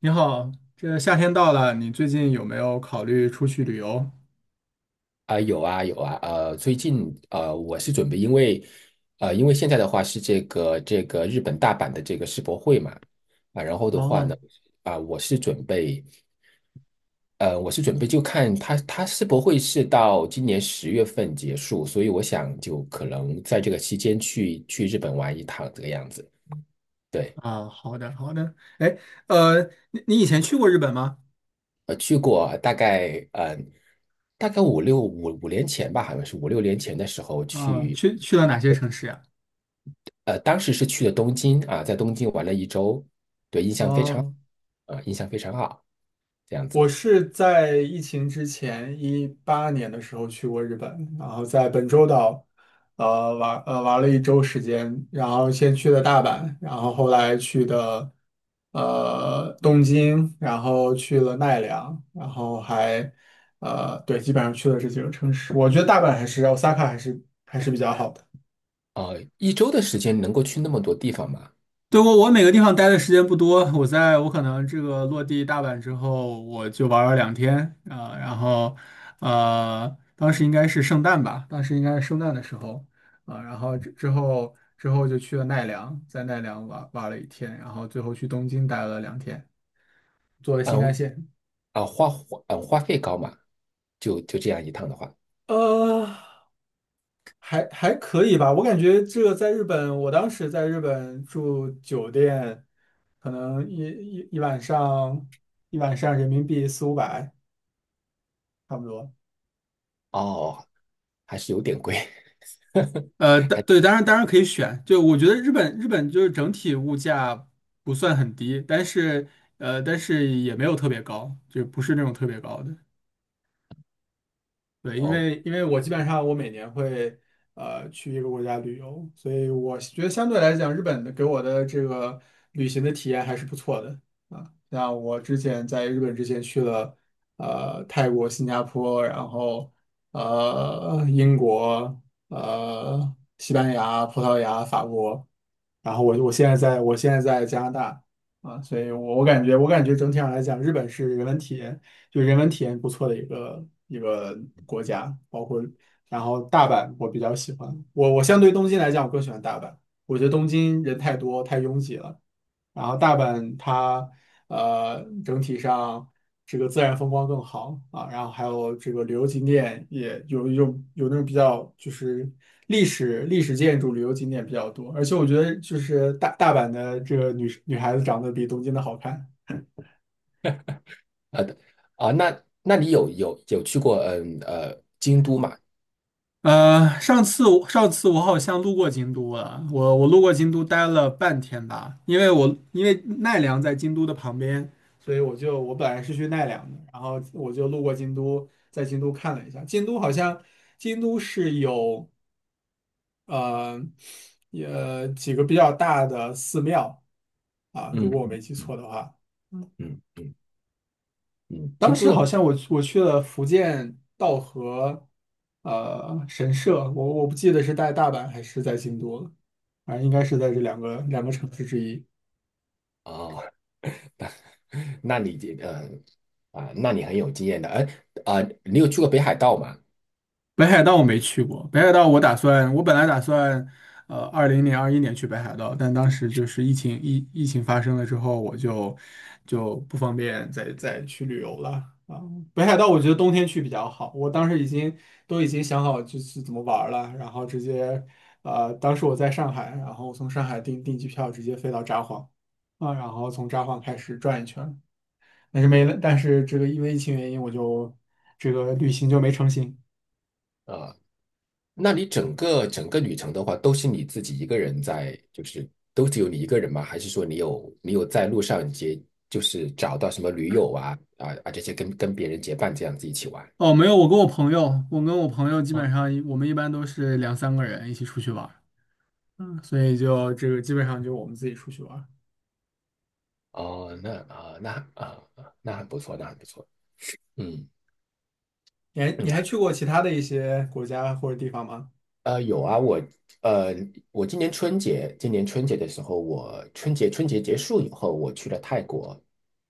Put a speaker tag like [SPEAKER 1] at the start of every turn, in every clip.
[SPEAKER 1] 你好，这夏天到了，你最近有没有考虑出去旅游？
[SPEAKER 2] 啊、有啊有啊，最近我是准备，因为因为现在的话是这个日本大阪的这个世博会嘛，啊，然后的话呢，
[SPEAKER 1] 哦。
[SPEAKER 2] 啊、我是准备，我是准备就看它世博会是到今年十月份结束，所以我想就可能在这个期间去日本玩一趟这个样子。对，
[SPEAKER 1] 啊，好的，好的。哎，呃，你以前去过日本吗？
[SPEAKER 2] 呃，去过大概大概五六年前吧，好像是五六年前的时候
[SPEAKER 1] 啊，
[SPEAKER 2] 去
[SPEAKER 1] 去了哪些城市呀？
[SPEAKER 2] 当时是去了东京啊，在东京玩了一周，对，
[SPEAKER 1] 哦，
[SPEAKER 2] 印象非常好，这样
[SPEAKER 1] 我
[SPEAKER 2] 子
[SPEAKER 1] 是在疫情之前18年的时候去过日本，然后在本州岛，玩了一周时间，然后先去的大阪，然后后来去的东京，然后去了奈良，然后对，基本上去了这几个城市。我觉得大阪还是 Osaka 还是比较好的。
[SPEAKER 2] 啊。一周的时间能够去那么多地方吗？
[SPEAKER 1] 对，我每个地方待的时间不多，我可能这个落地大阪之后，我就玩了两天。啊、然后当时应该是圣诞吧，当时应该是圣诞的时候。啊、然后之后就去了奈良，在奈良玩了一天，然后最后去东京待了两天，坐了新
[SPEAKER 2] 嗯
[SPEAKER 1] 干线。
[SPEAKER 2] 花费高嘛？就这样一趟的话，
[SPEAKER 1] 呃，还可以吧，我感觉这个在日本，我当时在日本住酒店，可能一晚上人民币四五百。差不多。
[SPEAKER 2] 哦，还是有点贵。
[SPEAKER 1] 对，当然可以选。就我觉得日本就是整体物价不算很低，但是也没有特别高，就不是那种特别高的。对，因
[SPEAKER 2] 哦，
[SPEAKER 1] 为因为我基本上我每年会去一个国家旅游，所以我觉得相对来讲，日本的给我的这个旅行的体验还是不错的。啊。像我之前在日本之前去了泰国、新加坡，然后英国、西班牙、葡萄牙、法国，然后我现在在加拿大。啊，所以我感觉整体上来讲，日本是人文体验。就人文体验不错的一个国家，包括然后大阪我比较喜欢，我相对东京来讲，我更喜欢大阪，我觉得东京人太多太拥挤了，然后大阪它整体上这个自然风光更好啊，然后还有这个旅游景点也有那种比较就是历史建筑旅游景点比较多，而且我觉得就是大阪的这个女孩子长得比东京的好看。
[SPEAKER 2] 呃啊，那你有去过京都嘛？
[SPEAKER 1] 上次我好像路过京都了，我路过京都待了半天吧，因为奈良在京都的旁边，所以我本来是去奈良的，然后我就路过京都，在京都看了一下，京都好像京都是有呃也几个比较大的寺庙。啊，如果我
[SPEAKER 2] 嗯
[SPEAKER 1] 没记错的话。
[SPEAKER 2] 嗯嗯，
[SPEAKER 1] 当
[SPEAKER 2] 京都
[SPEAKER 1] 时好
[SPEAKER 2] 的
[SPEAKER 1] 像我去了福建道和神社，我不记得是在大阪还是在京都了，反正应该是在这两个城市之一。
[SPEAKER 2] 哦，那你这呃啊，那你很有经验的。哎啊，你有去过北海道吗？
[SPEAKER 1] 北海道我没去过，北海道我打算，我本来打算，20年、21年去北海道，但当时就是疫情发生了之后，我就不方便再去旅游了。啊。北海道我觉得冬天去比较好，我当时已经都已经想好就是怎么玩儿了，然后直接，当时我在上海，然后我从上海订机票直接飞到札幌。啊，然后从札幌开始转一圈儿，但是没了，但是这个因为疫情原因，我就这个旅行就没成行。
[SPEAKER 2] 啊、那你整个旅程的话，都是你自己一个人在，就是都只有你一个人吗？还是说你有在路上结，就是找到什么驴友啊这些跟别人结伴这样子一起玩？
[SPEAKER 1] 哦，没有，我跟我朋友，我跟我朋友基
[SPEAKER 2] 啊，
[SPEAKER 1] 本上一我们一般都是两三个人一起出去玩儿。嗯，所以就这个基本上就我们自己出去玩儿。
[SPEAKER 2] 哦，那很不错，那很不错。嗯
[SPEAKER 1] 你还
[SPEAKER 2] 嗯，
[SPEAKER 1] 你还去过其他的一些国家或者地方吗？
[SPEAKER 2] 有啊，呃，我今年春节，今年春节的时候，我春节结束以后，我去了泰国。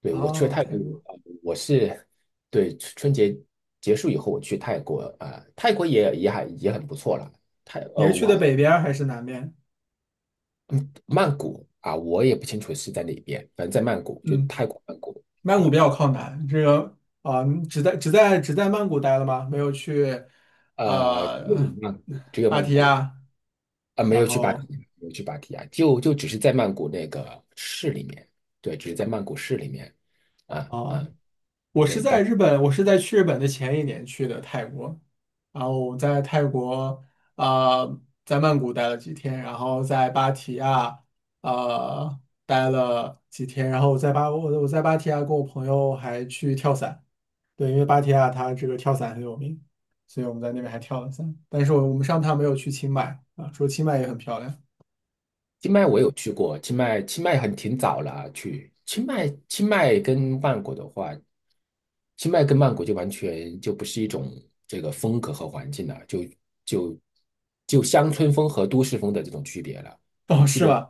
[SPEAKER 2] 对，我去了
[SPEAKER 1] 哦，
[SPEAKER 2] 泰
[SPEAKER 1] 泰
[SPEAKER 2] 国，
[SPEAKER 1] 国，
[SPEAKER 2] 呃我是对春节结束以后，我去泰国啊、泰国也很不错了。泰
[SPEAKER 1] 你
[SPEAKER 2] 呃，
[SPEAKER 1] 是去的
[SPEAKER 2] 我
[SPEAKER 1] 北边儿还是南边？
[SPEAKER 2] 曼谷啊、我也不清楚是在哪边，反正在曼谷，就
[SPEAKER 1] 嗯，
[SPEAKER 2] 泰国曼谷
[SPEAKER 1] 曼
[SPEAKER 2] 啊、
[SPEAKER 1] 谷比
[SPEAKER 2] 然
[SPEAKER 1] 较
[SPEAKER 2] 后
[SPEAKER 1] 靠南，这个。啊，你只在曼谷待了吗？没有去，
[SPEAKER 2] 只有
[SPEAKER 1] 呃，
[SPEAKER 2] 曼谷，只有
[SPEAKER 1] 芭
[SPEAKER 2] 曼
[SPEAKER 1] 提
[SPEAKER 2] 谷，
[SPEAKER 1] 雅，
[SPEAKER 2] 啊，没
[SPEAKER 1] 然
[SPEAKER 2] 有去芭提
[SPEAKER 1] 后
[SPEAKER 2] 雅，没有去芭提雅，就只是在曼谷那个市里面，对，只是在曼谷市里面，啊
[SPEAKER 1] 哦，
[SPEAKER 2] 啊，
[SPEAKER 1] 啊，我是
[SPEAKER 2] 对，
[SPEAKER 1] 在日本，我是在去日本的前一年去的泰国，然后我在泰国。啊，在曼谷待了几天，然后在芭提雅呃待了几天，然后我在芭提雅跟我朋友还去跳伞，对，因为芭提雅它这个跳伞很有名，所以我们在那边还跳了伞，但是我们上趟没有去清迈啊，说清迈也很漂亮，
[SPEAKER 2] 清迈我有去过，清迈很挺早了啊，去清迈跟曼谷的话，清迈跟曼谷就完全就不是一种这个风格和环境了，就就就乡村风和都市风的这种区别了，
[SPEAKER 1] 哦，
[SPEAKER 2] 区
[SPEAKER 1] 是
[SPEAKER 2] 别
[SPEAKER 1] 吗？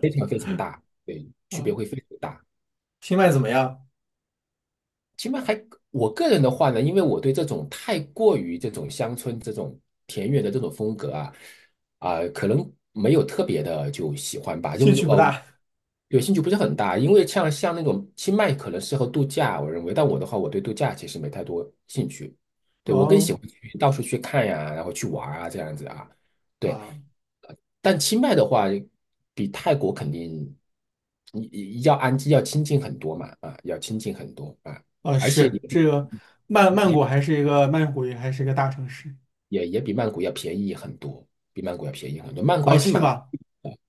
[SPEAKER 2] 非常 非常大，对，区别
[SPEAKER 1] 啊，
[SPEAKER 2] 会非常大。
[SPEAKER 1] 清迈怎
[SPEAKER 2] 啊。
[SPEAKER 1] 么样？
[SPEAKER 2] 起码还我个人的话呢，因为我对这种太过于这种乡村这种田园的这种风格啊，可能没有特别的就喜欢吧，
[SPEAKER 1] 兴趣不大。
[SPEAKER 2] 有兴趣不是很大，因为像那种清迈可能适合度假，我认为，但我的话，我对度假其实没太多兴趣，对，我更喜
[SPEAKER 1] 哦。
[SPEAKER 2] 欢去到处去看呀，然后去玩啊这样子啊，对，
[SPEAKER 1] 啊。
[SPEAKER 2] 但清迈的话，比泰国肯定你要亲近很多嘛，啊，要亲近很多啊，而且
[SPEAKER 1] 是这个曼曼
[SPEAKER 2] 也
[SPEAKER 1] 谷还是一个曼谷也还是一个大城市。
[SPEAKER 2] 也比曼谷要便宜很多，曼谷还
[SPEAKER 1] 哦，
[SPEAKER 2] 是
[SPEAKER 1] 是
[SPEAKER 2] 蛮，
[SPEAKER 1] 吧？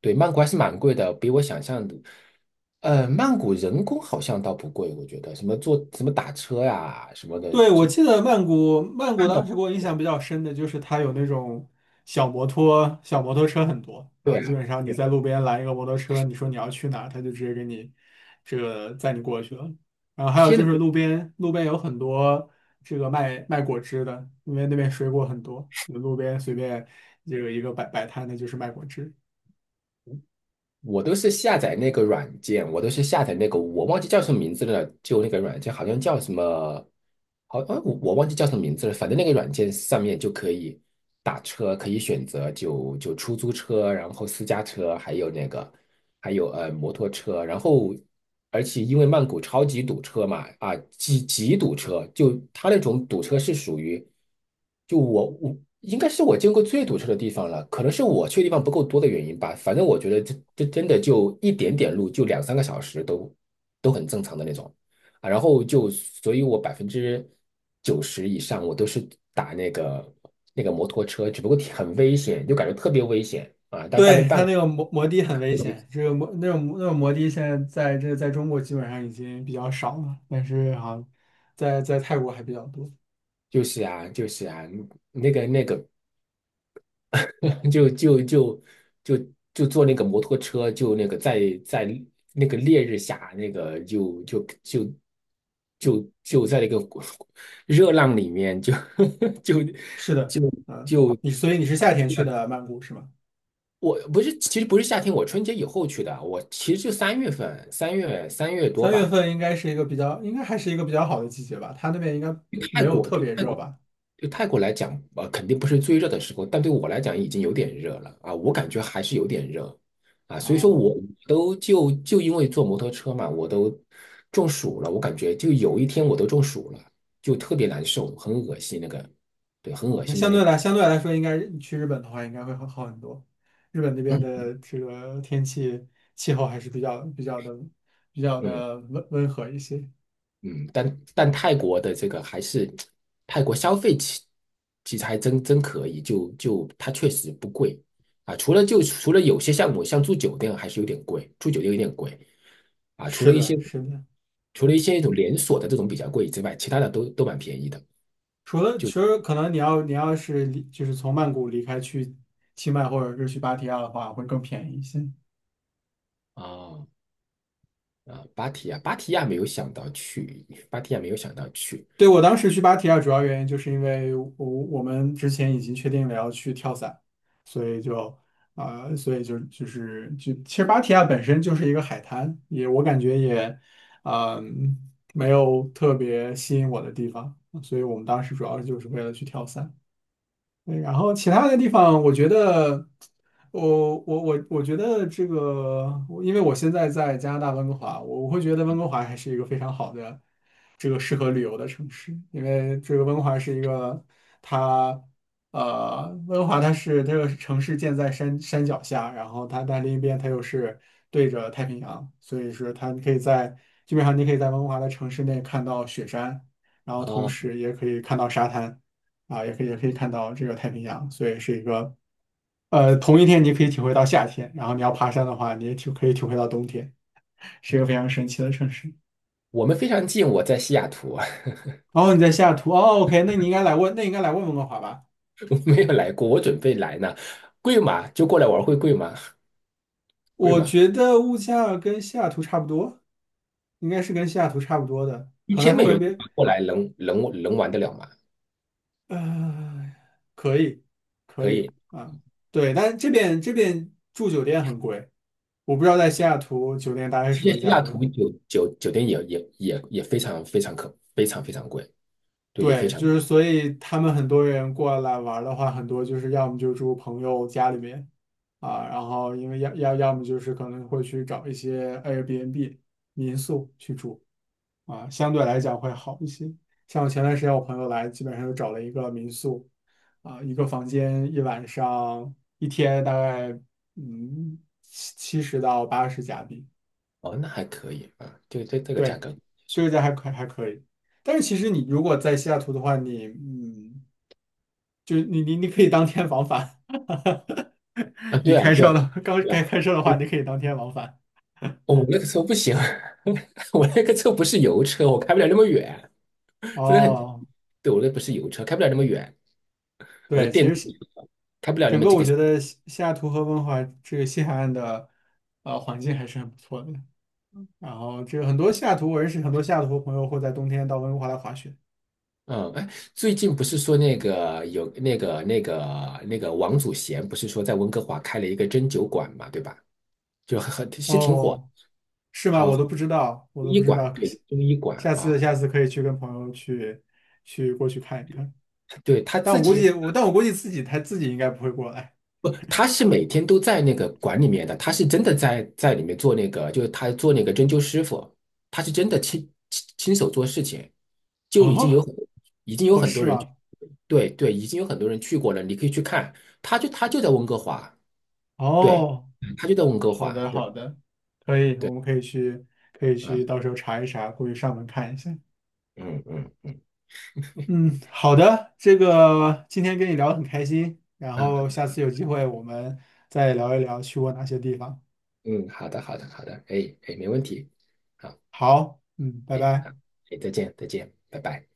[SPEAKER 2] 对，曼谷还是蛮贵的，比我想象的。曼谷人工好像倒不贵，我觉得什么坐什么打车呀、什么的，
[SPEAKER 1] 对，我
[SPEAKER 2] 就
[SPEAKER 1] 记得曼谷
[SPEAKER 2] 看
[SPEAKER 1] 当
[SPEAKER 2] 到
[SPEAKER 1] 时给我印象比较深的就是它有那种小摩托、小摩托车很多
[SPEAKER 2] 对
[SPEAKER 1] 啊，基
[SPEAKER 2] 啊，
[SPEAKER 1] 本上你
[SPEAKER 2] 对
[SPEAKER 1] 在
[SPEAKER 2] 啊
[SPEAKER 1] 路边拦一个摩托车，你说你要去哪他就直接给你这个载你过去了。然后还有
[SPEAKER 2] 现
[SPEAKER 1] 就是
[SPEAKER 2] 在。
[SPEAKER 1] 路边有很多这个卖果汁的，因为那边水果很多，你路边随便这个一个摆摊的就是卖果汁。
[SPEAKER 2] 我都是下载那个软件，我都是下载那个，我忘记叫什么名字了，就那个软件好像叫什么，好，我忘记叫什么名字了，反正那个软件上面就可以打车，可以选择出租车，然后私家车，还有那个还有摩托车，然后而且因为曼谷超级堵车嘛，啊极极堵车，就它那种堵车是属于，我应该是我见过最堵车的地方了，可能是我去的地方不够多的原因吧，反正我觉得这真的就一点点路就两三个小时都很正常的那种啊，然后就所以我百分之九十以上我都是打那个摩托车，只不过挺很危险，就感觉特别危险啊，但没
[SPEAKER 1] 对，
[SPEAKER 2] 办
[SPEAKER 1] 它
[SPEAKER 2] 法。
[SPEAKER 1] 那个摩的很危险，这个摩那种那种摩的现在在中国基本上已经比较少了，但是好像在泰国还比较多。
[SPEAKER 2] 就是啊，就是啊，那个那个，就就就就就坐那个摩托车，就那个在那个烈日下，那个就就就就就在那个 热浪里面，就 就
[SPEAKER 1] 是的。
[SPEAKER 2] 就
[SPEAKER 1] 嗯，
[SPEAKER 2] 就，
[SPEAKER 1] 所以你是夏天去的曼谷是吗？
[SPEAKER 2] 我不是，其实不是夏天，我春节以后去的，我其实就三月份，三月多
[SPEAKER 1] 三月
[SPEAKER 2] 吧，
[SPEAKER 1] 份应该是一个比较，应该还是一个比较好的季节吧，它那边应该
[SPEAKER 2] 去
[SPEAKER 1] 没
[SPEAKER 2] 泰
[SPEAKER 1] 有
[SPEAKER 2] 国，
[SPEAKER 1] 特
[SPEAKER 2] 对，
[SPEAKER 1] 别
[SPEAKER 2] 泰
[SPEAKER 1] 热
[SPEAKER 2] 国。
[SPEAKER 1] 吧？
[SPEAKER 2] 对泰国来讲，肯定不是最热的时候，但对我来讲已经有点热了啊，我感觉还是有点热啊，所以说
[SPEAKER 1] 哦
[SPEAKER 2] 我都就就因为坐摩托车嘛，我都中暑了，我感觉就有一天我都中暑了，就特别难受，很恶心那个，对，很
[SPEAKER 1] 哦，
[SPEAKER 2] 恶
[SPEAKER 1] 那
[SPEAKER 2] 心的
[SPEAKER 1] 相
[SPEAKER 2] 那
[SPEAKER 1] 对
[SPEAKER 2] 种，
[SPEAKER 1] 来相对来说，应该你去日本的话应该会好很多。日本那边
[SPEAKER 2] 嗯
[SPEAKER 1] 的这个天气气候还是比较比较的比较
[SPEAKER 2] 嗯。
[SPEAKER 1] 的温和一些。
[SPEAKER 2] 嗯，但泰国的这个还是泰国消费其其实还真可以，就它确实不贵啊。除了除了有些项目，像住酒店还是有点贵，住酒店有点贵啊。除
[SPEAKER 1] 是
[SPEAKER 2] 了一些
[SPEAKER 1] 的，是的。
[SPEAKER 2] 那种连锁的这种比较贵之外，其他的都蛮便宜的
[SPEAKER 1] 除了其实可能你要是离就是从曼谷离开去清迈或者是去芭提雅的话，会更便宜一些。
[SPEAKER 2] 啊啊。芭提雅，芭提雅没有想到去，芭提雅没有想到去
[SPEAKER 1] 对，我当时去芭提雅主要原因就是因为我们之前已经确定了要去跳伞，所以就啊、呃所以就就是就其实芭提雅本身就是一个海滩，我感觉嗯、没有特别吸引我的地方，所以我们当时主要就是为了去跳伞。嗯，然后其他的地方，我觉得这个，因为我现在在加拿大温哥华，我会觉得温哥华还是一个非常好的这个适合旅游的城市，因为这个它温哥华它是这个城市建在山脚下，然后它但另一边它又是对着太平洋，所以说它可以在基本上你可以在温哥华的城市内看到雪山，然后同
[SPEAKER 2] 啊。
[SPEAKER 1] 时也可以看到沙滩。啊，也可以看到这个太平洋，所以是一个同一天你可以体会到夏天，然后你要爬山的话，你也可以体会到冬天，是一个非常神奇的城市。
[SPEAKER 2] 我们非常近，我在西雅图，
[SPEAKER 1] 然后你在西雅图，哦，OK，那你应该来问，那你应该来问温哥华吧？
[SPEAKER 2] 没有来过，我准备来呢。贵吗？就过来玩会贵吗？贵
[SPEAKER 1] 我
[SPEAKER 2] 吗？
[SPEAKER 1] 觉得物价跟西雅图差不多，应该是跟西雅图差不多的，
[SPEAKER 2] 一
[SPEAKER 1] 可能
[SPEAKER 2] 千
[SPEAKER 1] 还
[SPEAKER 2] 美
[SPEAKER 1] 会
[SPEAKER 2] 元
[SPEAKER 1] 被
[SPEAKER 2] 过来能玩得了吗？
[SPEAKER 1] 呃，可以，可
[SPEAKER 2] 可以。
[SPEAKER 1] 以啊。对，但这边住酒店很贵，我不知道在西雅图酒店大概是什么
[SPEAKER 2] 西
[SPEAKER 1] 价
[SPEAKER 2] 雅
[SPEAKER 1] 格。
[SPEAKER 2] 图酒店也非常非常非常非常贵，对，也非
[SPEAKER 1] 对，就
[SPEAKER 2] 常。
[SPEAKER 1] 是所以他们很多人过来玩儿的话，很多就是要么就住朋友家里面。啊，然后因为要么就是可能会去找一些 Airbnb 民宿去住。啊，相对来讲会好一些。像我前段时间我朋友来，基本上就找了一个民宿。啊，一个房间一晚上一天大概七十到八十加币。
[SPEAKER 2] 哦，那还可以啊，这个这个价
[SPEAKER 1] 对，
[SPEAKER 2] 格
[SPEAKER 1] 这
[SPEAKER 2] 是
[SPEAKER 1] 个价还可以。但是其实你如果在西雅图的话，就是你可以当天往返。
[SPEAKER 2] 啊，
[SPEAKER 1] 你
[SPEAKER 2] 对啊
[SPEAKER 1] 开
[SPEAKER 2] 对啊，
[SPEAKER 1] 车了，刚
[SPEAKER 2] 对啊，
[SPEAKER 1] 该开车的话，
[SPEAKER 2] 对。
[SPEAKER 1] 你可以当天往返。
[SPEAKER 2] 哦，我那个车不行，我那个车不是油车，我开不了那么远，真的很，
[SPEAKER 1] 哦，
[SPEAKER 2] 对我那不是油车，开不了那么远，我
[SPEAKER 1] 对，其
[SPEAKER 2] 电
[SPEAKER 1] 实是
[SPEAKER 2] 开不了那
[SPEAKER 1] 整
[SPEAKER 2] 么
[SPEAKER 1] 个
[SPEAKER 2] 几
[SPEAKER 1] 我
[SPEAKER 2] 个。
[SPEAKER 1] 觉得西雅图和温哥华这个西海岸的环境还是很不错的。然后这个很多西雅图，我认识很多西雅图朋友会在冬天到温哥华来滑雪。
[SPEAKER 2] 嗯，哎，最近不是说那个有那个王祖贤，不是说在温哥华开了一个针灸馆嘛，对吧？就很是挺火，
[SPEAKER 1] 哦，是吗？
[SPEAKER 2] 好，
[SPEAKER 1] 我都
[SPEAKER 2] 中
[SPEAKER 1] 不知道，我都不
[SPEAKER 2] 医
[SPEAKER 1] 知
[SPEAKER 2] 馆，
[SPEAKER 1] 道。可
[SPEAKER 2] 对，
[SPEAKER 1] 惜，
[SPEAKER 2] 中医馆
[SPEAKER 1] 下
[SPEAKER 2] 啊，
[SPEAKER 1] 次下次可以去跟朋友去过去看一看。
[SPEAKER 2] 对他
[SPEAKER 1] 但
[SPEAKER 2] 自
[SPEAKER 1] 我估
[SPEAKER 2] 己。
[SPEAKER 1] 计我但我估计自己他自己应该不会过来。
[SPEAKER 2] 不，他是每天都在那个馆里面的，他是真的在里面做那个，就是他做那个针灸师傅，他是真的亲手做事情，就已经有
[SPEAKER 1] 啊，
[SPEAKER 2] 很已经有
[SPEAKER 1] 哦，
[SPEAKER 2] 很
[SPEAKER 1] 是
[SPEAKER 2] 多人，
[SPEAKER 1] 吗？
[SPEAKER 2] 对对，已经有很多人去过了，你可以去看，他就在温哥华。对，
[SPEAKER 1] 哦，
[SPEAKER 2] 他就在温哥
[SPEAKER 1] 好
[SPEAKER 2] 华，
[SPEAKER 1] 的，
[SPEAKER 2] 对
[SPEAKER 1] 好的，可以，我
[SPEAKER 2] 对，
[SPEAKER 1] 们可以去，可以
[SPEAKER 2] 啊，
[SPEAKER 1] 去，到时候查一查，过去上门看一下。
[SPEAKER 2] 嗯嗯，
[SPEAKER 1] 嗯，好的，这个今天跟你聊得很开心，然
[SPEAKER 2] 嗯
[SPEAKER 1] 后下次有机会我们再聊一聊去过哪些地方。
[SPEAKER 2] 嗯，好的好的好的，哎哎，没问题，好，
[SPEAKER 1] 好，嗯，拜
[SPEAKER 2] 哎
[SPEAKER 1] 拜。
[SPEAKER 2] 哎，再见再见，拜拜。